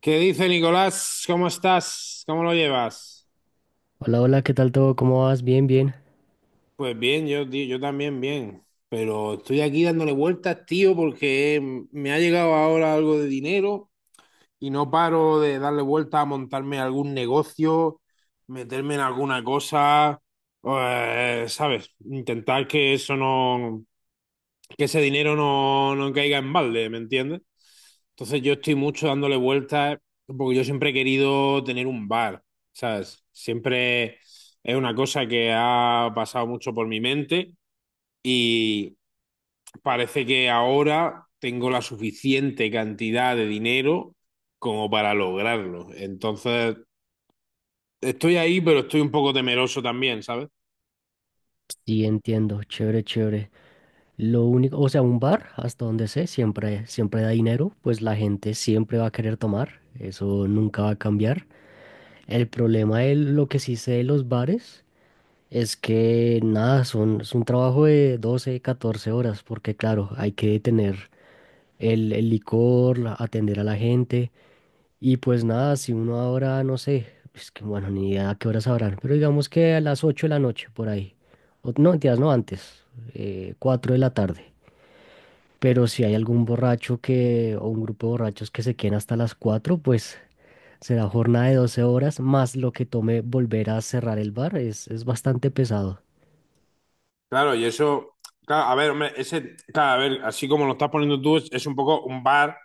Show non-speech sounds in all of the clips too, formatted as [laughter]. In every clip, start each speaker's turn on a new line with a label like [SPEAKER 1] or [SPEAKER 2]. [SPEAKER 1] ¿Qué dice Nicolás? ¿Cómo estás? ¿Cómo lo llevas?
[SPEAKER 2] Hola, hola, ¿qué tal todo? ¿Cómo vas? Bien, bien.
[SPEAKER 1] Pues bien, yo, tío, yo también bien, pero estoy aquí dándole vueltas, tío, porque me ha llegado ahora algo de dinero y no paro de darle vueltas a montarme algún negocio, meterme en alguna cosa, ¿sabes? Intentar que eso no, que ese dinero no caiga en balde, ¿me entiendes? Entonces yo estoy mucho dándole vueltas porque yo siempre he querido tener un bar, ¿sabes? Siempre es una cosa que ha pasado mucho por mi mente y parece que ahora tengo la suficiente cantidad de dinero como para lograrlo. Entonces estoy ahí, pero estoy un poco temeroso también, ¿sabes?
[SPEAKER 2] Sí, entiendo. Chévere, chévere. Lo único, o sea, un bar, hasta donde sé, siempre, siempre da dinero, pues la gente siempre va a querer tomar. Eso nunca va a cambiar. El problema de lo que sí sé de los bares es que nada, es un trabajo de 12, 14 horas, porque claro, hay que tener el licor, atender a la gente. Y pues nada, si uno ahora, no sé, es que bueno, ni idea a qué horas sabrán, pero digamos que a las 8 de la noche, por ahí. No, mentiras, no antes, 4 de la tarde. Pero si hay algún borracho que, o un grupo de borrachos que se queden hasta las 4 pues será jornada de 12 horas, más lo que tome volver a cerrar el bar, es bastante pesado.
[SPEAKER 1] Claro, y eso, claro, a ver, hombre, ese, claro, a ver, así como lo estás poniendo tú, es un poco un bar,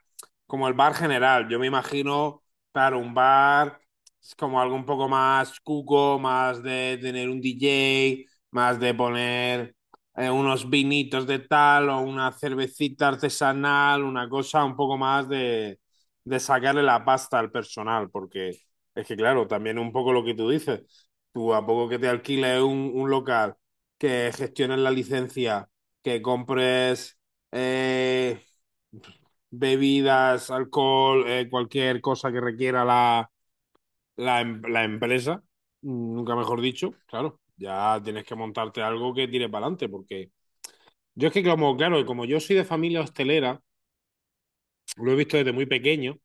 [SPEAKER 1] como el bar general. Yo me imagino, claro, un bar es como algo un poco más cuco, más de tener un DJ, más de poner unos vinitos de tal o una cervecita artesanal, una cosa un poco más de sacarle la pasta al personal, porque es que, claro, también un poco lo que tú dices, tú a poco que te alquiles un local que gestiones la licencia, que compres eh, bebidas, alcohol, cualquier cosa que requiera la la empresa, nunca mejor dicho, claro, ya tienes que montarte algo que tire para adelante, porque yo es que como, claro, como yo soy de familia hostelera, lo he visto desde muy pequeño.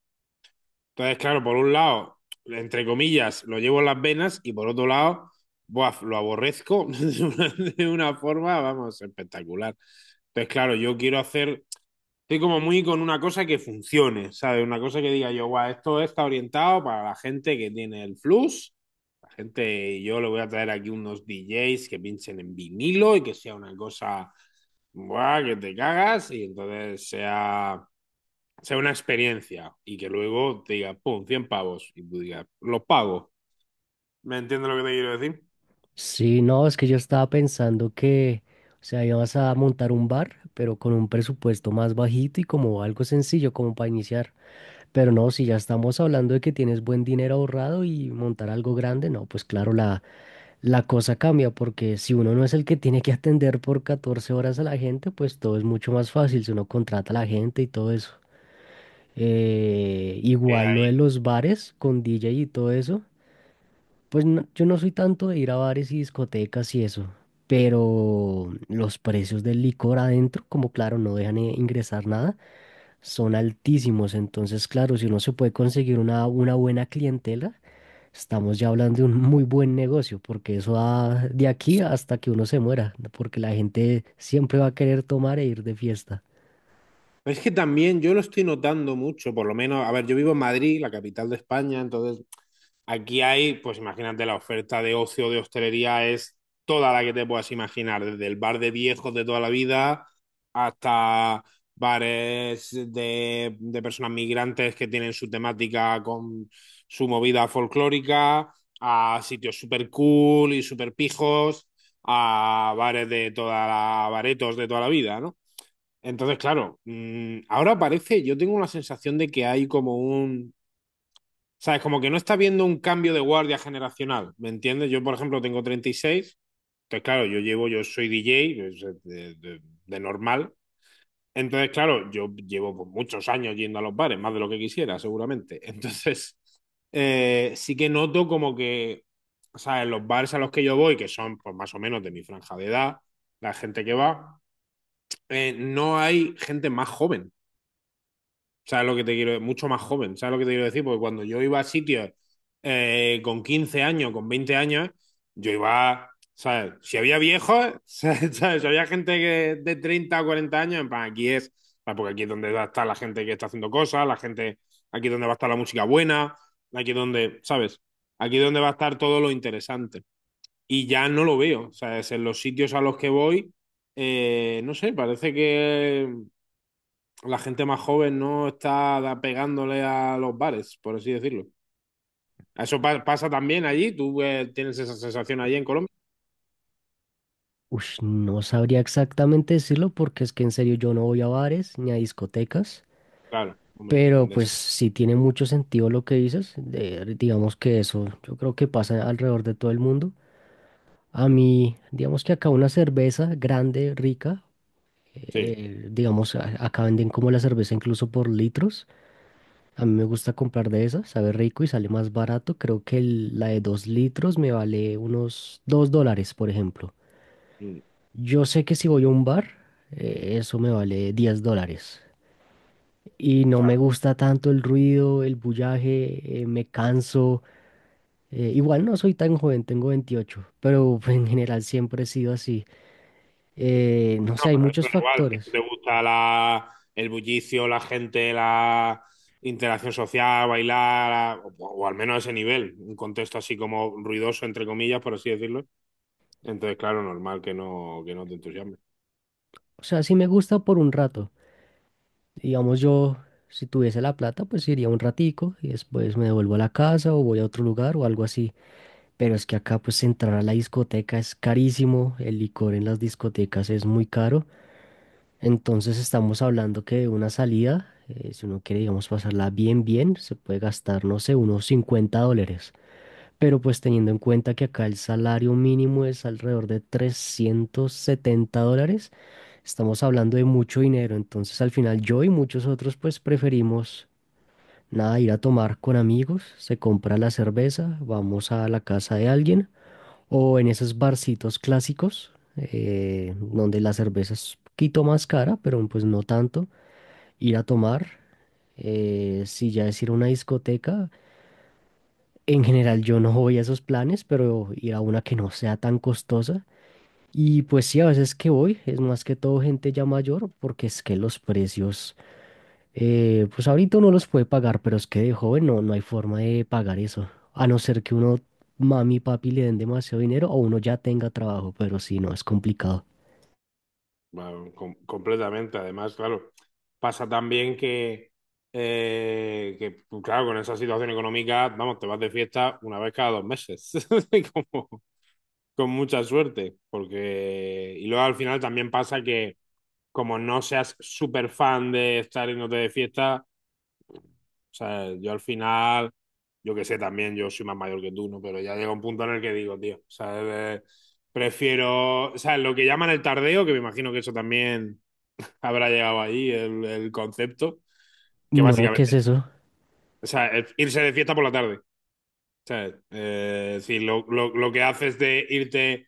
[SPEAKER 1] Entonces, claro, por un lado, entre comillas, lo llevo en las venas y por otro lado, buah, lo aborrezco [laughs] de una forma, vamos, espectacular. Entonces, claro, yo quiero hacer, estoy como muy con una cosa que funcione, ¿sabes? Una cosa que diga yo, guau, esto está orientado para la gente que tiene el flux, la gente, yo le voy a traer aquí unos DJs que pinchen en vinilo y que sea una cosa, guau, que te cagas y entonces sea una experiencia y que luego te diga, pum, 100 pavos y tú digas, los pago. ¿Me entiendes lo que te quiero decir?
[SPEAKER 2] Sí, no, es que yo estaba pensando que, o sea, ibas a montar un bar, pero con un presupuesto más bajito y como algo sencillo, como para iniciar. Pero no, si ya estamos hablando de que tienes buen dinero ahorrado y montar algo grande, no, pues claro, la cosa cambia, porque si uno no es el que tiene que atender por 14 horas a la gente, pues todo es mucho más fácil si uno contrata a la gente y todo eso.
[SPEAKER 1] Que
[SPEAKER 2] Igual lo de
[SPEAKER 1] ahí-
[SPEAKER 2] los bares con DJ y todo eso, yo no soy tanto de ir a bares y discotecas y eso, pero los precios del licor adentro, como claro, no dejan ingresar nada son altísimos. Entonces, claro, si uno se puede conseguir una buena clientela, estamos ya hablando de un muy buen negocio, porque eso va de aquí hasta que uno se muera, porque la gente siempre va a querer tomar e ir de fiesta.
[SPEAKER 1] Es que también yo lo estoy notando mucho, por lo menos, a ver, yo vivo en Madrid, la capital de España, entonces aquí hay, pues imagínate, la oferta de ocio de hostelería es toda la que te puedas imaginar, desde el bar de viejos de toda la vida hasta bares de personas migrantes que tienen su temática con su movida folclórica, a sitios super cool y super pijos, a bares de toda baretos de toda la vida, ¿no? Entonces, claro, ahora parece, yo tengo la sensación de que hay como un sea, es como que no está viendo un cambio de guardia generacional, ¿me entiendes? Yo, por ejemplo, tengo 36, entonces, claro, yo llevo, yo soy DJ pues, de normal, entonces, claro, yo llevo pues, muchos años yendo a los bares, más de lo que quisiera, seguramente. [laughs] Entonces, sí que noto como que, o sea, en los bares a los que yo voy, que son pues, más o menos de mi franja de edad, la gente que va, no hay gente más joven. ¿Sabes lo que te quiero decir? Mucho más joven, ¿sabes lo que te quiero decir? Porque cuando yo iba a sitios con 15 años, con 20 años, yo iba, ¿sabes? Si había viejos, [laughs] ¿sabes? Si había gente que de 30 o 40 años, en plan, aquí es, ¿sabes? Porque aquí es donde va a estar la gente que está haciendo cosas, la gente, aquí es donde va a estar la música buena, aquí es donde, ¿sabes? Aquí es donde va a estar todo lo interesante. Y ya no lo veo, ¿sabes? En los sitios a los que voy, no sé, parece que la gente más joven no está pegándole a los bares, por así decirlo. Eso pasa también allí, tú tienes esa sensación allí en Colombia.
[SPEAKER 2] Ush, no sabría exactamente decirlo porque es que en serio yo no voy a bares ni a discotecas,
[SPEAKER 1] Claro, hombre,
[SPEAKER 2] pero pues
[SPEAKER 1] Endesa.
[SPEAKER 2] sí tiene mucho sentido lo que dices, digamos que eso yo creo que pasa alrededor de todo el mundo. A mí, digamos que acá una cerveza grande, rica,
[SPEAKER 1] Sí,
[SPEAKER 2] digamos, acá venden como la cerveza incluso por litros. A mí me gusta comprar de esas, sabe rico y sale más barato. Creo que la de 2 litros me vale unos 2 dólares, por ejemplo.
[SPEAKER 1] mm,
[SPEAKER 2] Yo sé que si voy a un bar, eso me vale 10 dólares. Y no me
[SPEAKER 1] claro,
[SPEAKER 2] gusta tanto el ruido, el bullaje, me canso. Igual no soy tan joven, tengo 28 pero [laughs] en general siempre he sido así. No sé, hay
[SPEAKER 1] para eso
[SPEAKER 2] muchos
[SPEAKER 1] es igual, si
[SPEAKER 2] factores.
[SPEAKER 1] te gusta el bullicio, la gente, la interacción social, bailar, o al menos a ese nivel, un contexto así como ruidoso, entre comillas, por así decirlo. Entonces, claro, normal que no te entusiasme.
[SPEAKER 2] O sea, sí me gusta por un rato. Digamos yo, si tuviese la plata, pues iría un ratico y después me devuelvo a la casa o voy a otro lugar o algo así. Pero es que acá pues entrar a la discoteca es carísimo, el licor en las discotecas es muy caro. Entonces estamos hablando que de una salida, si uno quiere, digamos, pasarla bien, bien, se puede gastar, no sé, unos 50 dólares. Pero pues teniendo en cuenta que acá el salario mínimo es alrededor de 370 dólares, estamos hablando de mucho dinero, entonces al final yo y muchos otros pues preferimos nada, ir a tomar con amigos, se compra la cerveza, vamos a la casa de alguien o en esos barcitos clásicos donde la cerveza es un poquito más cara, pero pues no tanto, ir a tomar. Si ya es ir a una discoteca, en general yo no voy a esos planes, pero ir a una que no sea tan costosa. Y pues sí, a veces que voy, es más que todo gente ya mayor, porque es que los precios, pues ahorita uno los puede pagar, pero es que de joven no, no hay forma de pagar eso. A no ser que uno, mami y papi le den demasiado dinero o uno ya tenga trabajo, pero si no, es complicado.
[SPEAKER 1] Bueno, completamente. Además, claro, pasa también que, pues, claro, con esa situación económica, vamos, te vas de fiesta una vez cada dos meses, [laughs] y como- con mucha suerte, porque... Y luego al final también pasa que como no seas súper fan de estar yéndote de fiesta, o sea, yo al final, yo que sé, también yo soy más mayor que tú, ¿no? Pero ya llega un punto en el que digo, tío, o sea, eh, prefiero, o sea, lo que llaman el tardeo, que me imagino que eso también [laughs] habrá llegado ahí, el concepto, que
[SPEAKER 2] No, ¿qué es
[SPEAKER 1] básicamente,
[SPEAKER 2] eso?
[SPEAKER 1] o sea, irse de fiesta por la tarde. ¿Sabes? Sí, lo que haces de irte,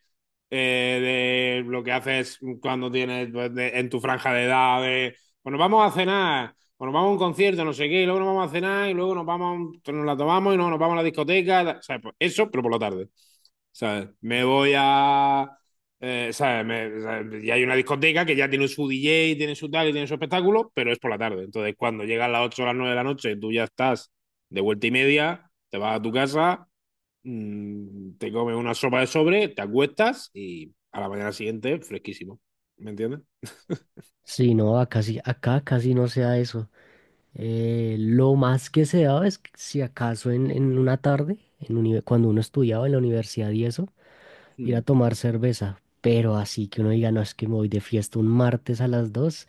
[SPEAKER 1] de lo que haces cuando tienes pues, en tu franja de edad, de, bueno, vamos a cenar, bueno, vamos a un concierto, no sé qué, y luego nos vamos a cenar, y luego nos vamos, nos la tomamos y no, nos vamos a la discoteca, ¿sabes? Pues eso, pero por la tarde, ¿sabes? Me voy a... ¿sabes? ¿Sabes? Y hay una discoteca que ya tiene su DJ, tiene su tal y tiene su espectáculo, pero es por la tarde. Entonces, cuando llegan las 8 o las 9 de la noche, tú ya estás de vuelta y media, te vas a tu casa, mm, te comes una sopa de sobre, te acuestas y a la mañana siguiente fresquísimo. ¿Me entiendes?
[SPEAKER 2] Si no, acá, acá casi no se da eso. Lo más que se daba es que si acaso en una tarde, cuando uno estudiaba en la universidad y eso, ir a
[SPEAKER 1] Mm.
[SPEAKER 2] tomar cerveza. Pero así que uno diga, no, es que me voy de fiesta un martes a las dos.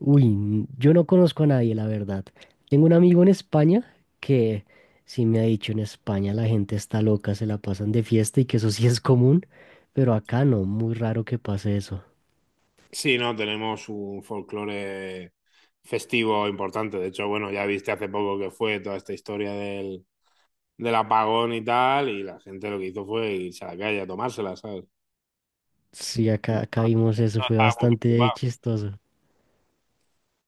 [SPEAKER 2] Uy, yo no conozco a nadie, la verdad. Tengo un amigo en España que sí me ha dicho en España la gente está loca, se la pasan de fiesta y que eso sí es común, pero acá no, muy raro que pase eso.
[SPEAKER 1] Sí, no, tenemos un folclore festivo importante. De hecho, bueno, ya viste hace poco que fue toda esta historia del apagón y tal, y la gente lo que hizo fue irse a la calle a tomársela, ¿sabes?
[SPEAKER 2] Sí, acá,
[SPEAKER 1] No
[SPEAKER 2] acá vimos eso, fue
[SPEAKER 1] estaba muy
[SPEAKER 2] bastante
[SPEAKER 1] preocupado.
[SPEAKER 2] chistoso.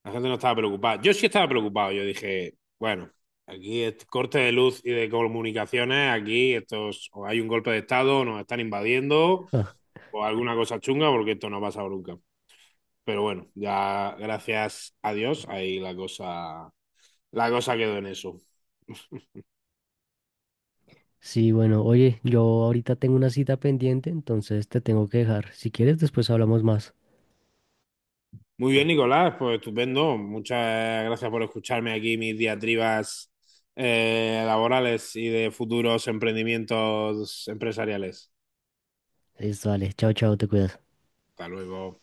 [SPEAKER 1] La gente no estaba preocupada. Yo sí estaba preocupado. Yo dije, bueno, aquí es corte de luz y de comunicaciones, aquí estos, o hay un golpe de estado, nos están invadiendo,
[SPEAKER 2] Ah,
[SPEAKER 1] o alguna cosa chunga, porque esto no ha pasado nunca. Pero bueno, ya gracias a Dios, ahí la cosa quedó en eso.
[SPEAKER 2] sí, bueno, oye, yo ahorita tengo una cita pendiente, entonces te tengo que dejar. Si quieres, después hablamos más.
[SPEAKER 1] Muy bien, Nicolás, pues estupendo. Muchas gracias por escucharme aquí mis diatribas laborales y de futuros emprendimientos empresariales.
[SPEAKER 2] Listo, vale, chao, chao, te cuidas.
[SPEAKER 1] Hasta luego.